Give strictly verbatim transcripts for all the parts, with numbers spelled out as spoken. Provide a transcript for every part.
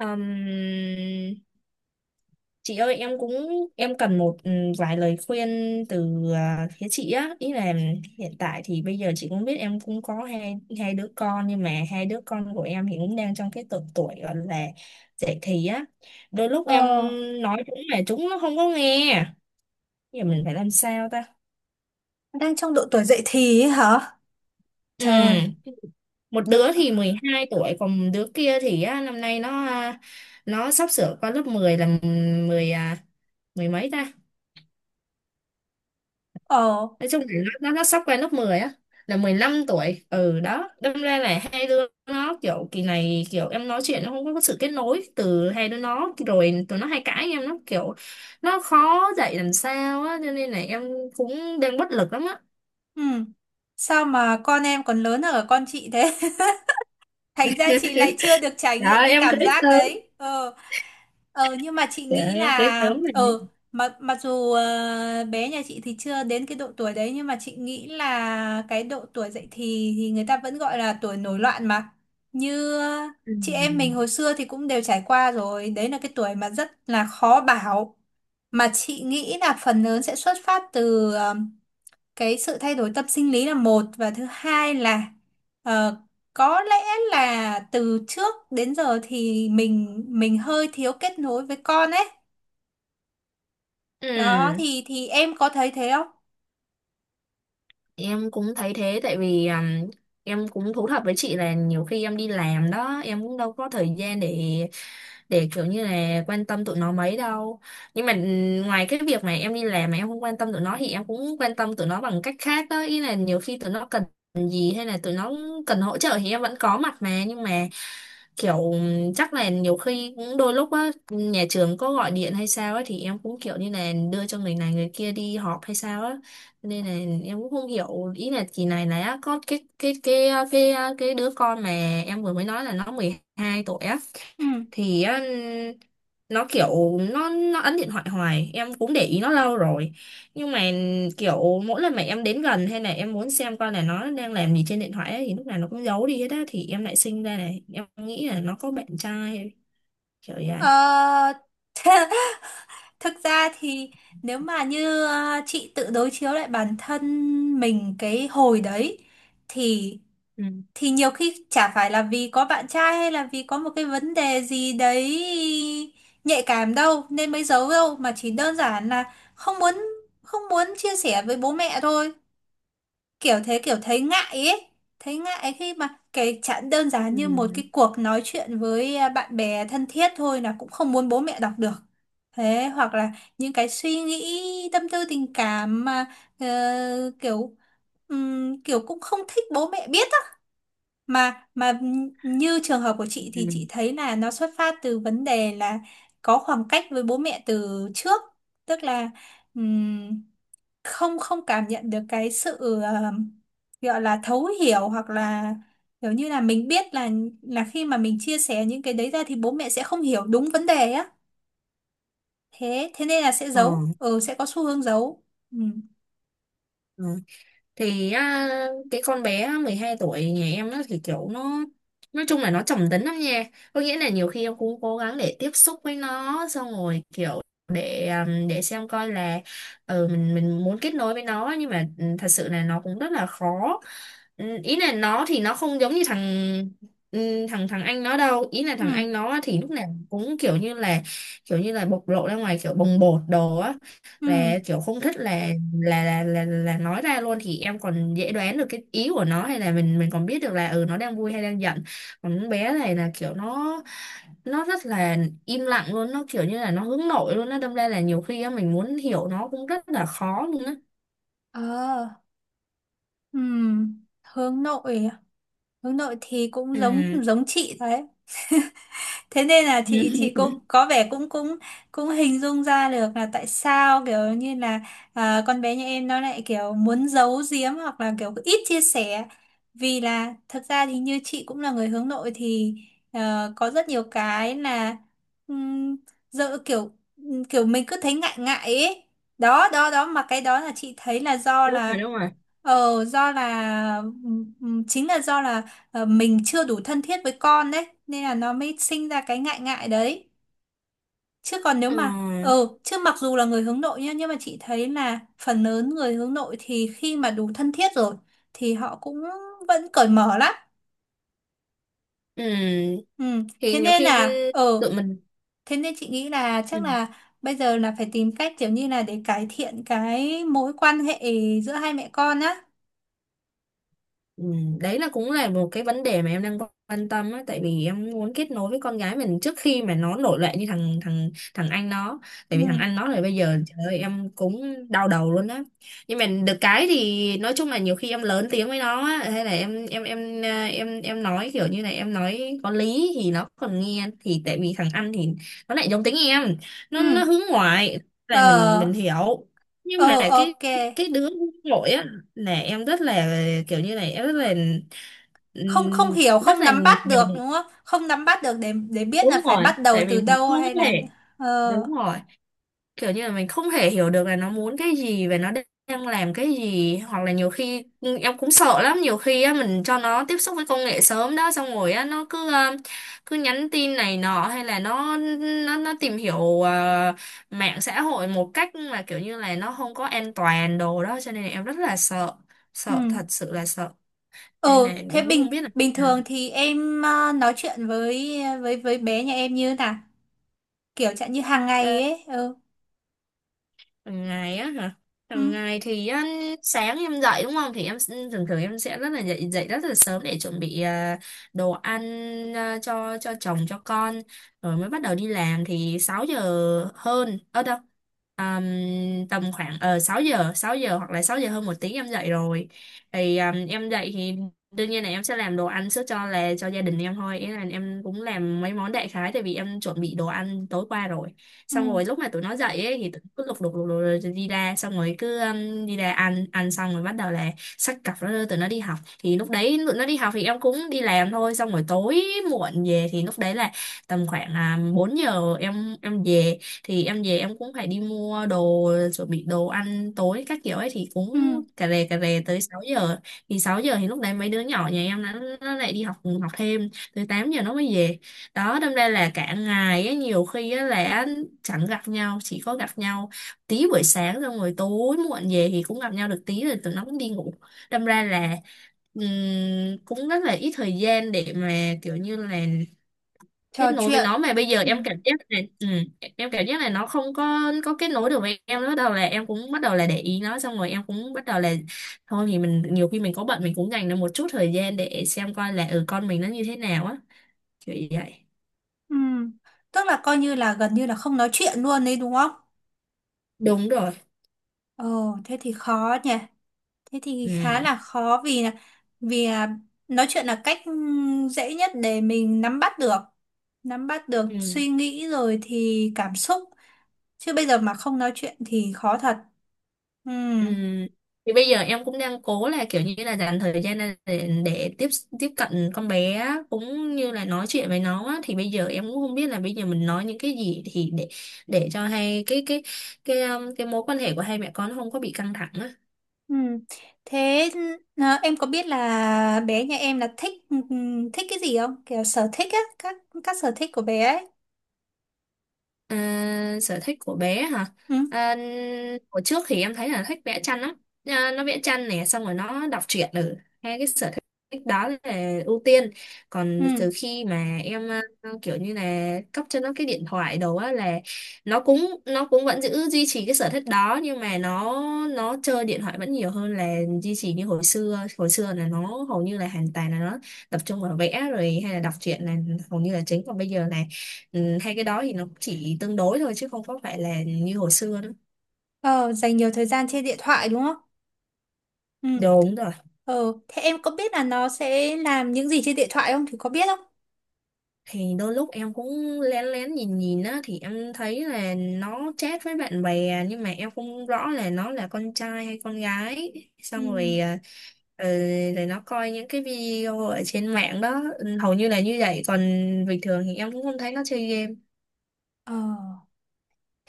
Ừm, chị ơi, em cũng em cần một ừm, vài lời khuyên từ à, phía chị á, ý là hiện tại thì bây giờ chị cũng biết em cũng có hai hai đứa con, nhưng mà hai đứa con của em thì cũng đang trong cái độ tuổi gọi là dậy thì á. Đôi lúc em Ờ, nói chúng mà chúng nó không có nghe, giờ mình phải làm sao ta? Đang trong độ tuổi dậy thì ấy hả? Trời, Ừm, Một độ... đứa thì mười hai tuổi, còn đứa kia thì á, năm nay nó à, nó sắp sửa qua lớp mười, là mười à, mười mấy ta, Ờ, nói chung là nó, nó nó sắp qua lớp mười á, là mười lăm tuổi. Ừ, đó, đâm ra là hai đứa nó kiểu kỳ này, kiểu em nói chuyện nó không có sự kết nối. Từ hai đứa nó rồi tụi nó hay cãi em, nó kiểu nó khó dạy làm sao á, cho nên là em cũng đang bất lực lắm á. ừ. Sao mà con em còn lớn hơn cả con chị thế? Thành ra chị lại chưa được trải nghiệm Dạ cái em cảm cưới giác sớm. đấy. Ờ. Ờ nhưng mà chị Dạ nghĩ em cưới là sớm rồi nha. ờ mặc mặc dù ờ, bé nhà chị thì chưa đến cái độ tuổi đấy, nhưng mà chị nghĩ là cái độ tuổi dậy thì thì người ta vẫn gọi là tuổi nổi loạn mà. Như ờ, Ừ. chị em mình hồi xưa thì cũng đều trải qua rồi, đấy là cái tuổi mà rất là khó bảo. Mà chị nghĩ là phần lớn sẽ xuất phát từ ờ, cái sự thay đổi tâm sinh lý là một, và thứ hai là ờ, có lẽ là từ trước đến giờ thì mình mình hơi thiếu kết nối với con ấy. Đó Ừ, thì thì em có thấy thế không? em cũng thấy thế, tại vì um, em cũng thú thật với chị là nhiều khi em đi làm đó, em cũng đâu có thời gian để để kiểu như là quan tâm tụi nó mấy đâu. Nhưng mà ừm, ngoài cái việc mà em đi làm mà em không quan tâm tụi nó, thì em cũng quan tâm tụi nó bằng cách khác đó, ý là nhiều khi tụi nó cần gì hay là tụi nó cần hỗ trợ thì em vẫn có mặt mà. Nhưng mà kiểu ừm, chắc là nhiều khi cũng đôi lúc á, nhà trường có gọi điện hay sao á, thì em cũng kiểu như là đưa cho người này người kia đi họp hay sao á, nên là em cũng không hiểu. Ý là kỳ này là có cái cái cái cái cái đứa con mà em vừa mới nói là nó mười hai tuổi á, Ừ. thì á, nó kiểu nó nó ấn điện thoại hoài, em cũng để ý nó lâu rồi, nhưng mà kiểu mỗi lần mà em đến gần hay là em muốn xem coi là nó đang làm gì trên điện thoại ấy, thì lúc nào nó cũng giấu đi hết á. Thì em lại sinh ra này, em nghĩ là nó có bạn trai kiểu vậy. Ờ, thực ra thì nếu mà như ờ, chị tự đối chiếu lại bản thân mình cái hồi đấy, thì Ừ. thì nhiều khi chả phải là vì có bạn trai hay là vì có một cái vấn đề gì đấy nhạy cảm đâu nên mới giấu đâu, mà chỉ đơn giản là không muốn, không muốn chia sẻ với bố mẹ thôi, kiểu thế, kiểu thấy ngại ấy, thấy ngại khi mà cái chẳng đơn giản như một Ừ. cái cuộc nói chuyện với à, bạn bè thân thiết thôi là cũng không muốn bố mẹ đọc được. Thế hoặc là những cái suy nghĩ tâm tư tình cảm mà ờ, kiểu ừm, kiểu cũng không thích bố mẹ biết á. Mà mà như trường hợp của chị Ừ. thì chị thấy là nó xuất phát từ vấn đề là có khoảng cách với bố mẹ từ trước. Tức là ừm, không, không cảm nhận được cái sự ờ, gọi là thấu hiểu, hoặc là kiểu như là mình biết là là khi mà mình chia sẻ những cái đấy ra thì bố mẹ sẽ không hiểu đúng vấn đề á, thế thế nên là sẽ Ờ. giấu, ừ, sẽ có xu hướng giấu. Ừ. Ừ. Thì á, cái con bé mười hai tuổi nhà em nó thì kiểu nó, nói chung là nó trầm tính lắm nha, có nghĩa là nhiều khi em cũng cố gắng để tiếp xúc với nó, xong rồi kiểu để um, để xem coi là ừ, mình mình muốn kết nối với nó, nhưng mà ừ, thật sự là nó cũng rất là khó. Ừ, ý là nó thì nó không giống như thằng ừ, thằng thằng anh nó đâu. Ý là thằng Ừ. anh nó thì lúc nào cũng kiểu như là kiểu như là bộc lộ ra ngoài, kiểu bồng bột đồ á, Ừ. là kiểu không thích là là là là, là nói ra luôn, thì em còn dễ đoán được cái ý của nó, hay là mình mình còn biết được là ừ, nó đang vui hay đang giận. Còn con bé này là kiểu nó nó rất là im lặng luôn, nó kiểu như là nó hướng nội luôn á, đâm ra là nhiều khi á, mình muốn hiểu nó cũng rất là khó luôn á. Ờ. Ừ. Hướng nội à? Hướng nội thì cũng giống Ừ. giống chị đấy. Thế nên là chị chị cũng có vẻ cũng cũng cũng hình dung ra được là tại sao kiểu như là à, con bé nhà em nó lại kiểu muốn giấu giếm hoặc là kiểu ít chia sẻ. Vì là thật ra thì như chị cũng là người hướng nội thì ờ, có rất nhiều cái là um, dợ kiểu, kiểu mình cứ thấy ngại ngại ấy. Đó đó đó, mà cái đó là chị thấy là do Đúng là rồi, đúng rồi. ờ do là ừm, ừm, chính là do là ờ, mình chưa đủ thân thiết với con đấy nên là nó mới sinh ra cái ngại ngại đấy. Chứ còn nếu Ừ. mà ờ chứ mặc dù là người hướng nội nhá, nhưng mà chị thấy là phần lớn người hướng nội thì khi mà đủ thân thiết rồi thì họ cũng vẫn cởi mở lắm. Ừ, Ừ. thì thế nhiều nên khi là ờ tự mình. thế nên chị nghĩ là Ừ. chắc là bây giờ là phải tìm cách kiểu như là để cải thiện cái mối quan hệ giữa hai mẹ con á. Ừ, đấy là cũng là một cái vấn đề mà em đang quan tâm á, tại vì em muốn kết nối với con gái mình trước khi mà nó nổi loạn như thằng thằng thằng anh nó. Ừ. Tại vì thằng anh nó là bây giờ trời ơi, em cũng đau đầu luôn á. Nhưng mà được cái thì nói chung là nhiều khi em lớn tiếng với nó á, hay là em em em à, em em nói kiểu như này, em nói có lý thì nó còn nghe, thì tại vì thằng anh thì nó lại giống tính em, Ừ. nó nó hướng ngoại, là Ờ. mình mình hiểu. Ờ, Nhưng mà cái ok. cái đứa hướng nội á, là em rất là, kiểu như này em rất là Không, không ừm, hiểu, rất không là nắm nhiều. bắt được, đúng không? Không nắm bắt được để để biết Đúng là phải rồi, bắt đầu tại từ vì mình đâu không hay là thể. ờ. Đúng rồi, kiểu như là mình không thể hiểu được là nó muốn cái gì và nó đang làm cái gì. Hoặc là nhiều khi em cũng sợ lắm, nhiều khi á mình cho nó tiếp xúc với công nghệ sớm đó, xong rồi á nó cứ ờ, cứ nhắn tin này nọ, hay là nó nó nó tìm hiểu ờ, mạng xã hội một cách mà kiểu như là nó không có an toàn đồ đó, cho nên là em rất là sợ, sợ Ừ. thật sự là sợ. Này Ừ. này Thế em cũng không bình biết là. bình thường thì em ờ, nói chuyện với với với bé nhà em như thế nào? Kiểu chẳng như hàng ngày Ờ, ấy. Ừ. hàng ngày á hả? Ừ. Hàng ngày thì á, sáng em dậy đúng không, thì em s- thường thường em sẽ rất là dậy dậy rất là sớm để chuẩn bị à, đồ ăn à, cho cho chồng cho con, rồi mới bắt đầu đi làm. Thì sáu giờ hơn ở đâu. Àm, Tầm khoảng ờ sáu giờ, sáu giờ hoặc là sáu giờ hơn một tiếng em dậy rồi. Thì à, em dậy thì đương nhiên là em sẽ làm đồ ăn trước, cho là cho gia đình em thôi. Ý là em cũng làm mấy món đại khái, tại vì em chuẩn bị đồ ăn tối qua rồi. Ừ. Xong rồi lúc mà tụi nó dậy ấy, thì tụi nó cứ lục đục lục đục rồi đi ra, xong rồi cứ um, đi ra ăn, ăn xong rồi bắt đầu là xách cặp nó đưa tụi nó đi học. Thì lúc đấy tụi nó đi học thì em cũng đi làm thôi, xong rồi tối muộn về thì lúc đấy là tầm khoảng à, bốn giờ em em về. Thì em về em cũng phải đi mua đồ chuẩn bị đồ ăn tối các kiểu ấy, thì Ừ. cũng cà rề cà rề tới sáu giờ. Thì sáu giờ thì lúc đấy mấy đứa nhỏ nhà em nó, nó lại đi học, học thêm tới tám giờ nó mới về. Đó, đâm ra là cả ngày ấy, nhiều khi á là chẳng gặp nhau, chỉ có gặp nhau tí buổi sáng, xong rồi tối muộn về thì cũng gặp nhau được tí rồi tụi nó cũng đi ngủ. Đâm ra là ừm, cũng rất là ít thời gian để mà kiểu như là kết Trò nối với chuyện. nó. Mà bây giờ Ừ. em cảm giác này ừ, em cảm giác là nó không có có kết nối được với em nữa. Bắt đầu là em cũng bắt đầu là để ý nó, xong rồi em cũng bắt đầu là thôi thì mình nhiều khi mình có bận mình cũng dành ra một chút thời gian để xem coi là ừ, con mình nó như thế nào á, kiểu vậy. Ừ. Tức là coi như là gần như là không nói chuyện luôn đấy đúng không? Đúng rồi. Ờ. Thế thì khó nhỉ. Thế thì khá là Ừ. khó vì là vì à, nói chuyện là cách ừm, dễ nhất để mình nắm bắt được, nắm bắt được Ừ. suy nghĩ rồi thì cảm xúc. Chứ bây giờ mà không nói chuyện thì khó thật. Ừm, Ừ. Thì bây giờ em cũng đang cố là kiểu như là dành thời gian ra để, để tiếp tiếp cận con bé á, cũng như là nói chuyện với nó á. Thì bây giờ em cũng không biết là bây giờ mình nói những cái gì thì để để cho hai cái cái cái um, cái mối quan hệ của hai mẹ con nó không có bị căng thẳng á. ừm. Thế à, em có biết là bé nhà em là thích ừm, thích cái gì không? Kiểu sở thích á, các các sở thích của bé ấy. À, sở thích của bé hả? Ừ, À, hồi trước thì em thấy là thích vẽ tranh lắm. À, nó vẽ tranh này, xong rồi nó đọc truyện ở, hai cái sở thích đó là ưu tiên. Còn ừ. từ khi mà em à, kiểu như là cấp cho nó cái điện thoại đồ á, là nó cũng nó cũng vẫn giữ duy trì cái sở thích đó, nhưng mà nó nó chơi điện thoại vẫn nhiều hơn là duy trì như hồi xưa. Hồi xưa là nó hầu như là hoàn toàn là nó tập trung vào vẽ rồi, hay là đọc truyện là hầu như là chính, còn bây giờ này. Ừ, hay cái đó thì nó chỉ tương đối thôi chứ không có phải là như hồi xưa nữa. Ờ, dành nhiều thời gian trên điện thoại đúng không? Ừ. Đúng rồi. Ờ, thế em có biết là nó sẽ làm những gì trên điện thoại không? Thì có biết không? Thì đôi lúc em cũng lén lén nhìn nhìn á, thì em thấy là nó chat với bạn bè, nhưng mà em không rõ là nó là con trai hay con gái. Ừ. Xong rồi à, ừ, rồi nó coi những cái video ở trên mạng đó. Ừ, hầu như là như vậy, còn bình thường thì em cũng không thấy nó chơi game. Ờ,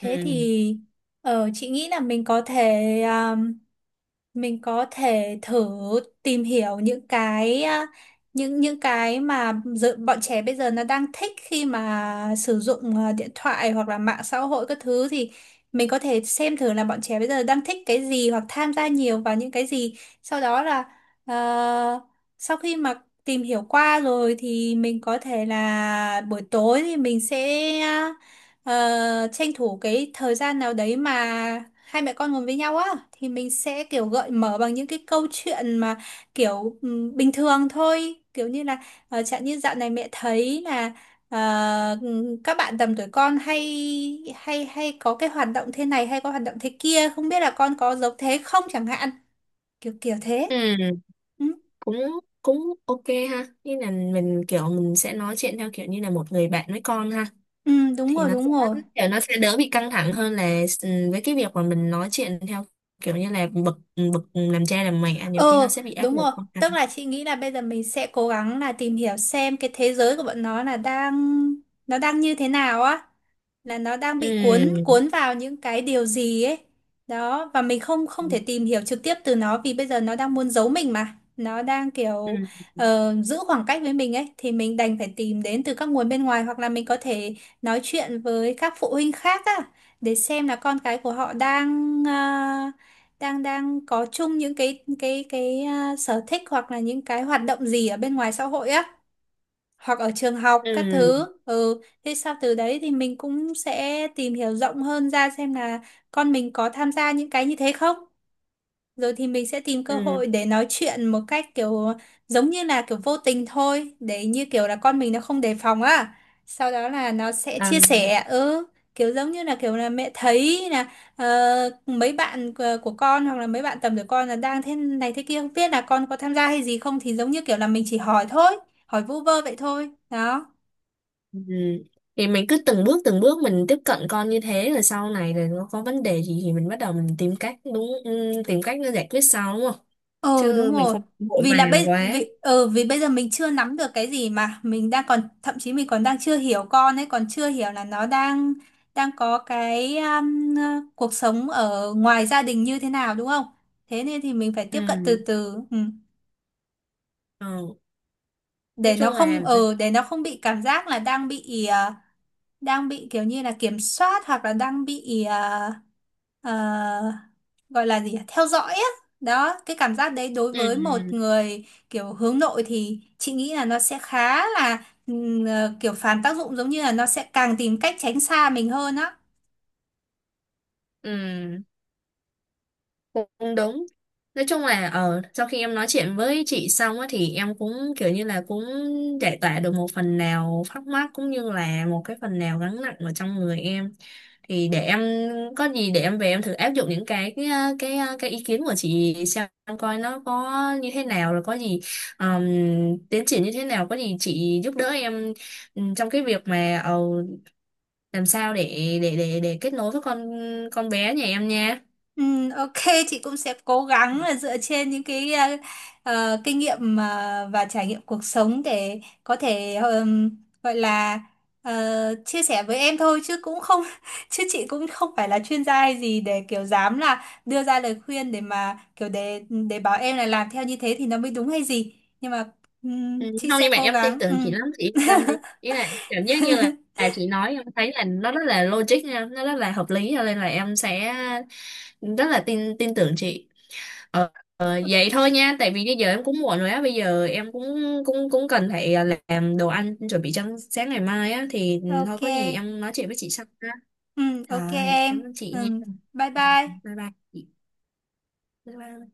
Ừ. thì ờ, chị nghĩ là mình có thể à, mình có thể thử tìm hiểu những cái à, những những cái mà dự, bọn trẻ bây giờ nó đang thích khi mà sử dụng à, điện thoại hoặc là mạng xã hội các thứ, thì mình có thể xem thử là bọn trẻ bây giờ đang thích cái gì hoặc tham gia nhiều vào những cái gì. Sau đó là ờ, sau khi mà tìm hiểu qua rồi thì mình có thể là buổi tối thì mình sẽ à, ờ, tranh thủ cái thời gian nào đấy mà hai mẹ con ngồi với nhau á, thì mình sẽ kiểu gợi mở bằng những cái câu chuyện mà kiểu ừm, bình thường thôi, kiểu như là ờ, chẳng như dạo này mẹ thấy là ờ, ừm, các bạn tầm tuổi con hay hay hay có cái hoạt động thế này hay có hoạt động thế kia, không biết là con có giống thế không chẳng hạn, kiểu kiểu thế. Ừ, Ừ, cũng cũng ok ha. Như là mình kiểu mình sẽ nói chuyện theo kiểu như là một người bạn với con ha. ừ, đúng Thì rồi, nó sẽ đúng rồi. kiểu nó sẽ đỡ bị căng thẳng hơn là ừ, với cái việc mà mình nói chuyện theo kiểu như là bực bực làm cha làm mẹ, nhiều khi nó Ờ sẽ bị áp đúng lực rồi. con cái. Tức là chị nghĩ là bây giờ mình sẽ cố gắng là tìm hiểu xem cái thế giới của bọn nó là đang nó đang như thế nào á, là nó đang bị cuốn Ừ. cuốn vào những cái điều gì ấy. Đó và mình không, Ừ. không thể tìm hiểu trực tiếp từ nó vì bây giờ nó đang muốn giấu mình mà, nó đang kiểu Ừ. ờ, giữ khoảng cách với mình ấy, thì mình đành phải tìm đến từ các nguồn bên ngoài. Hoặc là mình có thể nói chuyện với các phụ huynh khác á, để xem là con cái của họ đang à, đang đang có chung những cái cái cái à, sở thích hoặc là những cái hoạt động gì ở bên ngoài xã hội á, hoặc ở trường học các thứ. Ừ. Ừ, thế sau từ đấy thì mình cũng sẽ tìm hiểu rộng hơn ra xem là con mình có tham gia những cái như thế không. Rồi thì mình sẽ tìm cơ Ừ. hội để nói chuyện một cách kiểu giống như là kiểu vô tình thôi để như kiểu là con mình nó không đề phòng á, sau đó là nó sẽ À, chia sẻ. Ừ, kiểu giống như là kiểu là mẹ thấy là ờ, mấy bạn của của con hoặc là mấy bạn tầm tuổi con là đang thế này thế kia, không biết là con có tham gia hay gì không, thì giống như kiểu là mình chỉ hỏi thôi, hỏi vu vơ vậy thôi đó. ừ. Thì mình cứ từng bước từng bước mình tiếp cận con như thế, rồi sau này rồi nó có vấn đề gì thì mình bắt đầu mình tìm cách, đúng ừ, tìm cách nó giải quyết sau đúng không. Ờ đúng Chứ mình rồi. không vội Vì là vàng bây quá. vì ờ vì bây giờ mình chưa nắm được cái gì, mà mình đang còn thậm chí mình còn đang chưa hiểu con ấy, còn chưa hiểu là nó đang đang có cái um, ờ, cuộc sống ở ngoài gia đình như thế nào đúng không? Thế nên thì mình phải tiếp cận từ Ừ. từ. Ừ. Ừ. Nói Để nó chung là. không ờ để nó không bị cảm giác là đang bị ờ, đang bị kiểu như là kiểm soát hoặc là đang bị ờ, ờ, gọi là gì nhỉ? Theo dõi á. Đó, cái cảm giác đấy đối Ừ. với một Ừ. người kiểu hướng nội thì chị nghĩ là nó sẽ khá là ừm, ờ, kiểu phản tác dụng, giống như là nó sẽ càng tìm cách tránh xa mình hơn á. Ừ. Cũng đúng. Nói chung là ờ, sau khi em nói chuyện với chị xong á, thì em cũng kiểu như là cũng giải tỏa được một phần nào thắc mắc, cũng như là một cái phần nào gánh nặng ở trong người em. Thì để em có gì để em về em thử áp dụng những cái cái ờ, cái, ờ, cái ý kiến của chị xem coi nó có như thế nào. Rồi có gì ờm, tiến triển như thế nào, có gì chị giúp đỡ em ừm, trong cái việc mà ờ, làm sao để để để để kết nối với con con bé nhà em nha. Ừ, ok, chị cũng sẽ cố gắng là dựa trên những cái ờ, ờ, kinh nghiệm ờ, và trải nghiệm cuộc sống để có thể ờm, gọi là ờ, chia sẻ với em thôi chứ cũng không chứ chị cũng không phải là chuyên gia hay gì để kiểu dám là đưa ra lời khuyên để mà kiểu để để bảo em là làm theo như thế thì nó mới đúng hay gì. Nhưng mà ừm, Ừ, chị không, sẽ nhưng mà cố em tin gắng. Ừ, tưởng chị lắm, chị yên tâm đi. Ý là cảm giác như là, là chị nói em thấy là nó rất là logic nha, nó rất là hợp lý, cho nên là em sẽ rất là tin tin tưởng chị. ờ, ờ, Vậy thôi nha, tại vì bây giờ em cũng muộn rồi á, bây giờ em cũng cũng cũng cần phải ờ, làm đồ ăn chuẩn bị cho sáng ngày mai á. Thì thôi ok. có gì em nói chuyện với chị sau ha. Ừ, ok Rồi cảm em. ơn chị nha. Ừ, bye Ừ, bye. bye bye chị. Bye bye.